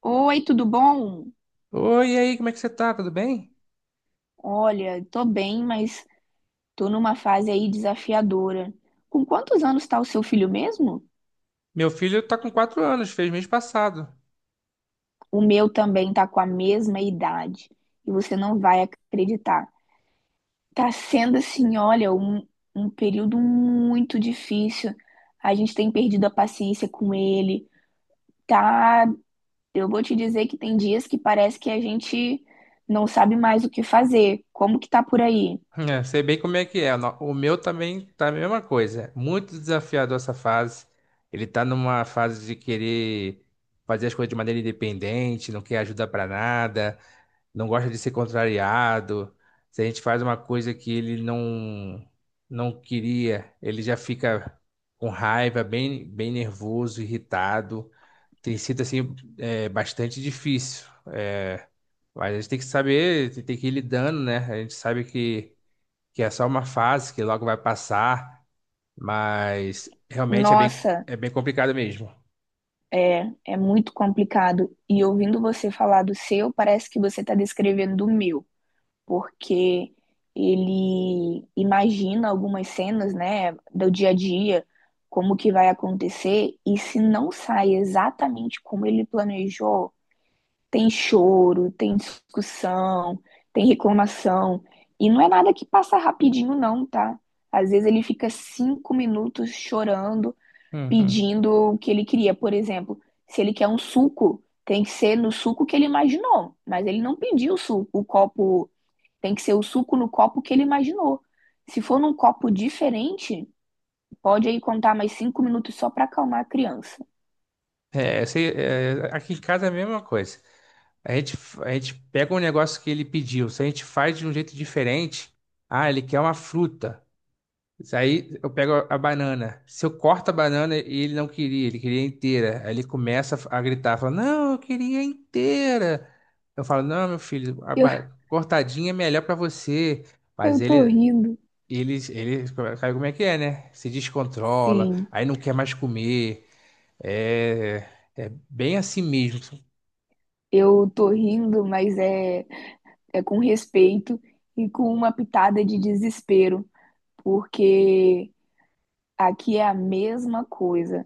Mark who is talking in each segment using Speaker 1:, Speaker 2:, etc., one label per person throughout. Speaker 1: Oi, tudo bom?
Speaker 2: Oi, e aí, como é que você tá? Tudo bem?
Speaker 1: Olha, tô bem, mas tô numa fase aí desafiadora. Com quantos anos tá o seu filho mesmo?
Speaker 2: Meu filho tá com 4 anos, fez mês passado.
Speaker 1: O meu também tá com a mesma idade. E você não vai acreditar. Tá sendo assim, olha, um período muito difícil. A gente tem perdido a paciência com ele. Tá, eu vou te dizer que tem dias que parece que a gente não sabe mais o que fazer. Como que tá por aí?
Speaker 2: É, sei bem como é que é. O meu também tá a mesma coisa. Muito desafiador essa fase. Ele tá numa fase de querer fazer as coisas de maneira independente, não quer ajuda pra nada, não gosta de ser contrariado. Se a gente faz uma coisa que ele não queria, ele já fica com raiva, bem nervoso, irritado. Tem sido assim bastante difícil. É, mas a gente tem que saber, tem que ir lidando, né? A gente sabe que é só uma fase, que logo vai passar, mas realmente é bem,
Speaker 1: Nossa.
Speaker 2: é bem complicado mesmo.
Speaker 1: É, é muito complicado. E ouvindo você falar do seu, parece que você está descrevendo o meu, porque ele imagina algumas cenas, né, do dia a dia, como que vai acontecer, e se não sai exatamente como ele planejou, tem choro, tem discussão, tem reclamação. E não é nada que passa rapidinho, não, tá? Às vezes ele fica 5 minutos chorando
Speaker 2: Uhum.
Speaker 1: pedindo o que ele queria. Por exemplo, se ele quer um suco, tem que ser no suco que ele imaginou, mas ele não pediu o suco, o copo, tem que ser o suco no copo que ele imaginou. Se for num copo diferente, pode aí contar mais 5 minutos só para acalmar a criança.
Speaker 2: É, eu sei, aqui em casa é a mesma coisa. A gente, a gente pega um negócio que ele pediu, se a gente faz de um jeito diferente, ah, ele quer uma fruta. Isso. Aí eu pego a banana. Se eu corto a banana e ele não queria, ele queria inteira. Aí ele começa a gritar, fala, não, eu queria inteira. Eu falo, não, meu filho,
Speaker 1: Eu,
Speaker 2: cortadinha é melhor pra você.
Speaker 1: eu
Speaker 2: Mas
Speaker 1: tô
Speaker 2: ele,
Speaker 1: rindo,
Speaker 2: ele, ele, sabe como é que é, né? Se descontrola,
Speaker 1: sim,
Speaker 2: aí não quer mais comer. É. É bem assim mesmo.
Speaker 1: eu tô rindo, mas é, é com respeito e com uma pitada de desespero, porque aqui é a mesma coisa.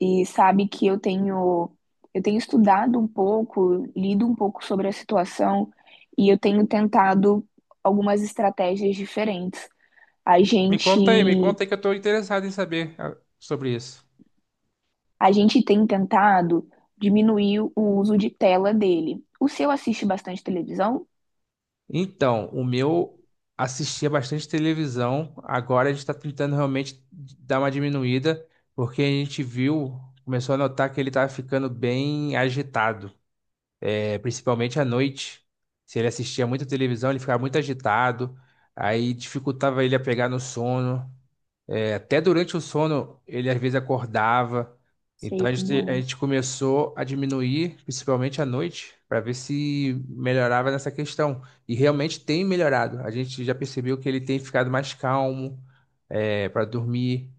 Speaker 1: E sabe que eu tenho estudado um pouco, lido um pouco sobre a situação e eu tenho tentado algumas estratégias diferentes. A
Speaker 2: Me
Speaker 1: gente
Speaker 2: conta aí, me conta aí que eu tô interessado em saber, sobre isso.
Speaker 1: a gente tem tentado diminuir o uso de tela dele. O seu assiste bastante televisão?
Speaker 2: Então, o meu assistia bastante televisão. Agora a gente está tentando realmente dar uma diminuída, porque começou a notar que ele estava ficando bem agitado, principalmente à noite. Se ele assistia muita televisão, ele ficava muito agitado, aí dificultava ele a pegar no sono. Até durante o sono, ele às vezes acordava. Então
Speaker 1: Sei
Speaker 2: a
Speaker 1: como
Speaker 2: gente, a
Speaker 1: é.
Speaker 2: gente começou a diminuir, principalmente à noite, para ver se melhorava nessa questão. E realmente tem melhorado. A gente já percebeu que ele tem ficado mais calmo, para dormir,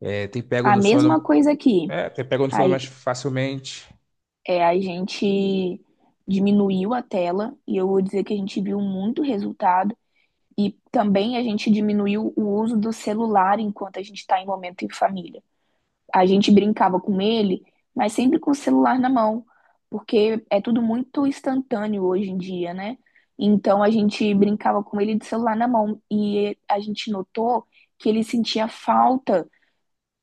Speaker 2: é, tem pego
Speaker 1: A
Speaker 2: no
Speaker 1: mesma
Speaker 2: sono,
Speaker 1: coisa aqui.
Speaker 2: tem pego no
Speaker 1: A,
Speaker 2: sono mais facilmente.
Speaker 1: É, a gente diminuiu a tela e eu vou dizer que a gente viu muito resultado. E também a gente diminuiu o uso do celular enquanto a gente está em momento em família. A gente brincava com ele, mas sempre com o celular na mão, porque é tudo muito instantâneo hoje em dia, né? Então a gente brincava com ele de celular na mão e a gente notou que ele sentia falta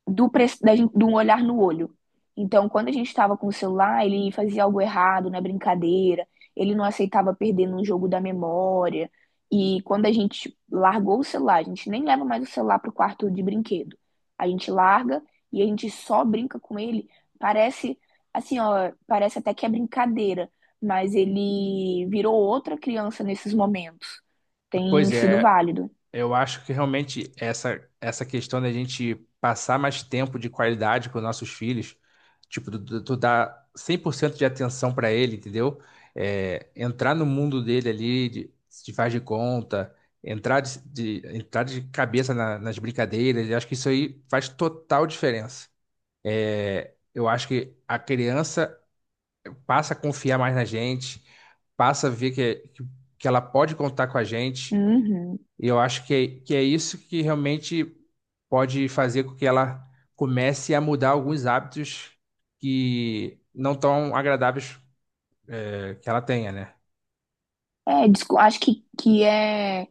Speaker 1: do, pre da gente, de um olhar no olho. Então, quando a gente estava com o celular, ele fazia algo errado na brincadeira, ele não aceitava perder num jogo da memória. E quando a gente largou o celular, a gente nem leva mais o celular para o quarto de brinquedo. A gente larga e a gente só brinca com ele. Parece, assim, ó, parece até que é brincadeira, mas ele virou outra criança nesses momentos. Tem
Speaker 2: Pois
Speaker 1: sido
Speaker 2: é.
Speaker 1: válido.
Speaker 2: Eu acho que realmente essa questão da gente passar mais tempo de qualidade com nossos filhos, tipo, tu dar 100% de atenção para ele, entendeu? É, entrar no mundo dele ali, de faz de conta, entrar de cabeça nas brincadeiras, eu acho que isso aí faz total diferença. Eu acho que a criança passa a confiar mais na gente, passa a ver que, que ela pode contar com a gente.
Speaker 1: Uhum.
Speaker 2: E eu acho que é isso que realmente pode fazer com que ela comece a mudar alguns hábitos que não tão agradáveis que ela tenha, né?
Speaker 1: É, acho que é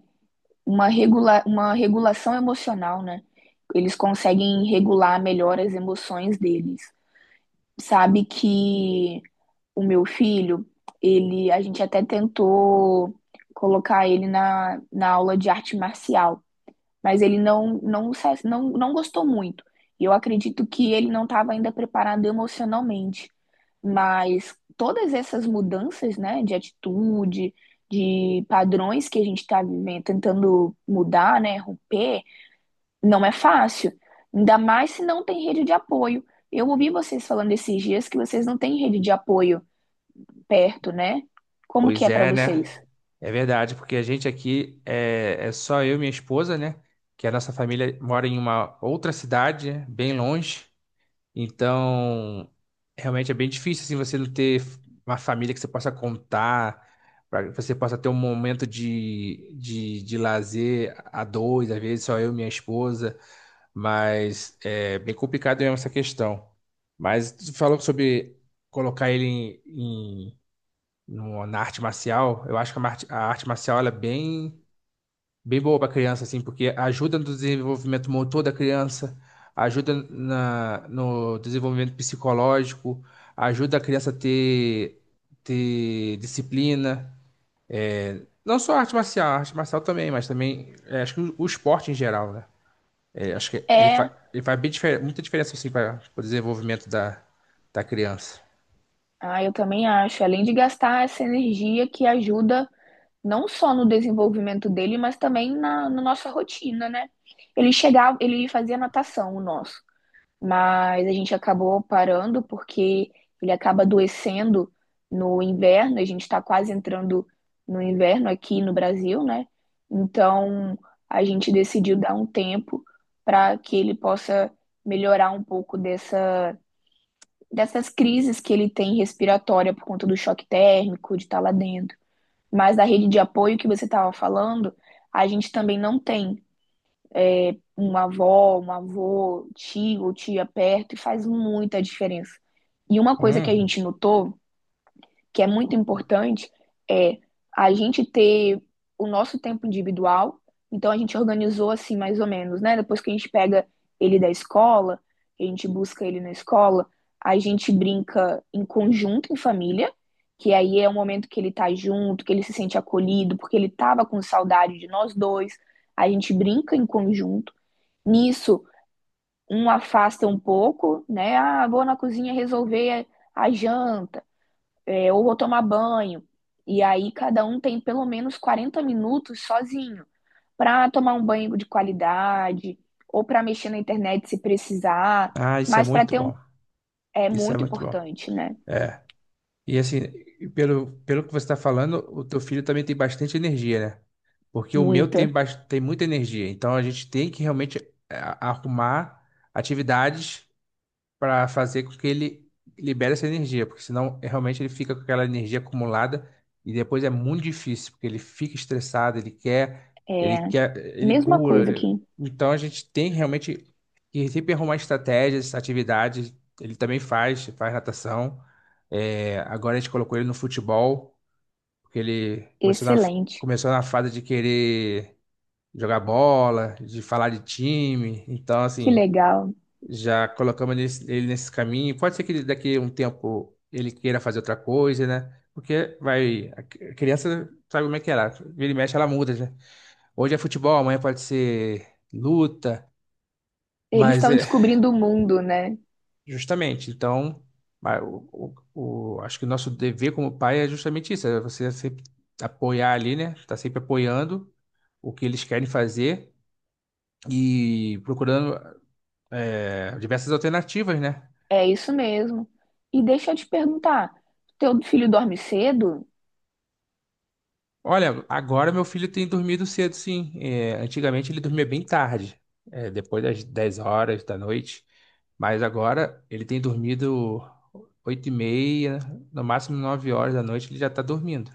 Speaker 1: uma regulação emocional, né? Eles conseguem regular melhor as emoções deles. Sabe que o meu filho, ele, a gente até tentou colocar ele na aula de arte marcial, mas ele não gostou muito. E eu acredito que ele não estava ainda preparado emocionalmente. Mas todas essas mudanças, né, de atitude, de padrões que a gente está vivendo, tentando mudar, né, romper, não é fácil. Ainda mais se não tem rede de apoio. Eu ouvi vocês falando esses dias que vocês não têm rede de apoio perto, né? Como que
Speaker 2: Pois
Speaker 1: é para
Speaker 2: é, né?
Speaker 1: vocês?
Speaker 2: É verdade, porque a gente aqui é só eu e minha esposa, né? Que a nossa família mora em uma outra cidade, né, bem longe. Então, realmente é bem difícil assim você não ter uma família que você possa contar, para que você possa ter um momento de lazer a dois, às vezes só eu e minha esposa. Mas é bem complicado mesmo essa questão. Mas tu falou sobre colocar ele em- na arte marcial. Eu acho que a arte marcial, ela é bem boa para criança, assim, porque ajuda no desenvolvimento motor da criança, ajuda no desenvolvimento psicológico, ajuda a criança a ter, ter disciplina. Não só a arte marcial também, mas também acho que o esporte em geral, né? Acho que
Speaker 1: É,
Speaker 2: ele faz muita diferença assim para o desenvolvimento da criança.
Speaker 1: ah, eu também acho. Além de gastar essa energia que ajuda não só no desenvolvimento dele, mas também na nossa rotina, né? Ele chegava, ele fazia natação, o nosso, mas a gente acabou parando porque ele acaba adoecendo no inverno, a gente está quase entrando no inverno aqui no Brasil, né? Então a gente decidiu dar um tempo para que ele possa melhorar um pouco dessas crises que ele tem respiratória por conta do choque térmico, de estar lá dentro. Mas da rede de apoio que você estava falando, a gente também não tem uma avó, um avô, tio ou tia perto, e faz muita diferença. E uma coisa que a
Speaker 2: Hum.
Speaker 1: gente notou que é muito importante é a gente ter o nosso tempo individual. Então a gente organizou assim mais ou menos, né? Depois que a gente pega ele da escola, a gente busca ele na escola, a gente brinca em conjunto em família, que aí é o momento que ele tá junto, que ele se sente acolhido, porque ele tava com saudade de nós dois. A gente brinca em conjunto. Nisso, um afasta um pouco, né? Ah, vou na cozinha resolver a janta, ou vou tomar banho. E aí cada um tem pelo menos 40 minutos sozinho para tomar um banho de qualidade ou para mexer na internet se precisar,
Speaker 2: Ah, isso é
Speaker 1: mas para
Speaker 2: muito
Speaker 1: ter um
Speaker 2: bom.
Speaker 1: é
Speaker 2: Isso é
Speaker 1: muito
Speaker 2: muito bom.
Speaker 1: importante, né?
Speaker 2: E assim, pelo que você está falando, o teu filho também tem bastante energia, né? Porque o meu tem,
Speaker 1: Muita.
Speaker 2: bas- tem muita energia. Então a gente tem que realmente arrumar atividades para fazer com que ele libere essa energia, porque senão é realmente ele fica com aquela energia acumulada e depois é muito difícil, porque ele fica estressado, ele quer, ele
Speaker 1: Mesma
Speaker 2: pula.
Speaker 1: coisa aqui.
Speaker 2: Então a gente tem realmente que sempre arrumar estratégias, atividades. Ele também faz natação. Agora a gente colocou ele no futebol, porque ele começou na,
Speaker 1: Excelente.
Speaker 2: começou na fase de querer jogar bola, de falar de time. Então,
Speaker 1: Que
Speaker 2: assim,
Speaker 1: legal.
Speaker 2: já colocamos ele nesse caminho. Pode ser que ele, daqui a um tempo, ele queira fazer outra coisa, né? Porque vai, a criança, sabe como é que é ela, vira e mexe, ela muda, né? Hoje é futebol, amanhã pode ser luta,
Speaker 1: Eles
Speaker 2: mas
Speaker 1: estão
Speaker 2: é
Speaker 1: descobrindo o mundo, né?
Speaker 2: justamente, então, acho que o nosso dever como pai é justamente isso, é você sempre apoiar ali, né? Tá sempre apoiando o que eles querem fazer e procurando, diversas alternativas, né?
Speaker 1: É isso mesmo. E deixa eu te perguntar, teu filho dorme cedo?
Speaker 2: Olha, agora meu filho tem dormido cedo, sim. É, antigamente ele dormia bem tarde, depois das 10 horas da noite. Mas agora ele tem dormido 8h30, no máximo 9 horas da noite ele já está dormindo.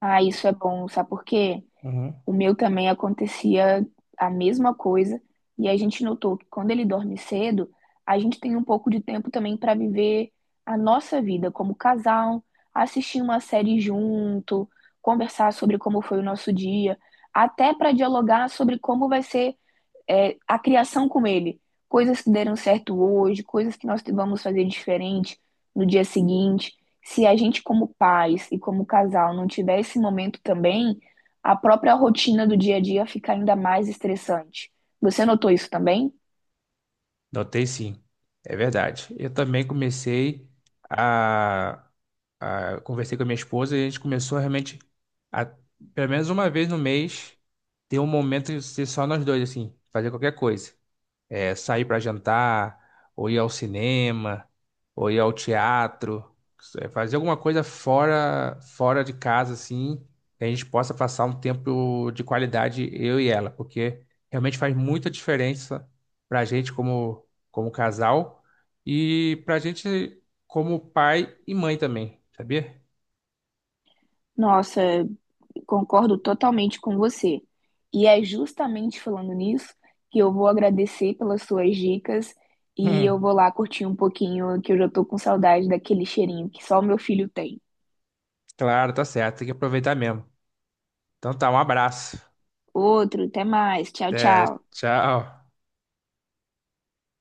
Speaker 1: Ah, isso é bom, sabe por quê?
Speaker 2: Uhum.
Speaker 1: O meu também acontecia a mesma coisa, e a gente notou que quando ele dorme cedo, a gente tem um pouco de tempo também para viver a nossa vida como casal, assistir uma série junto, conversar sobre como foi o nosso dia, até para dialogar sobre como vai ser a criação com ele. Coisas que deram certo hoje, coisas que nós vamos fazer diferente no dia seguinte. Se a gente, como pais e como casal, não tiver esse momento também, a própria rotina do dia a dia fica ainda mais estressante. Você notou isso também?
Speaker 2: Notei, sim, é verdade. Eu também comecei a, a conversei com a minha esposa e a gente começou realmente a, pelo menos uma vez no mês, ter um momento de ser só nós dois, assim, fazer qualquer coisa. É, sair para jantar, ou ir ao cinema, ou ir ao teatro, fazer alguma coisa fora de casa, assim, que a gente possa passar um tempo de qualidade, eu e ela, porque realmente faz muita diferença para a gente como casal e para a gente como pai e mãe também, sabia?
Speaker 1: Nossa, concordo totalmente com você. E é justamente falando nisso que eu vou agradecer pelas suas dicas e eu
Speaker 2: Hum,
Speaker 1: vou lá curtir um pouquinho, que eu já tô com saudade daquele cheirinho que só o meu filho tem.
Speaker 2: claro, tá certo, tem que aproveitar mesmo. Então tá, um abraço.
Speaker 1: Outro, até mais. Tchau,
Speaker 2: Até,
Speaker 1: tchau.
Speaker 2: tchau.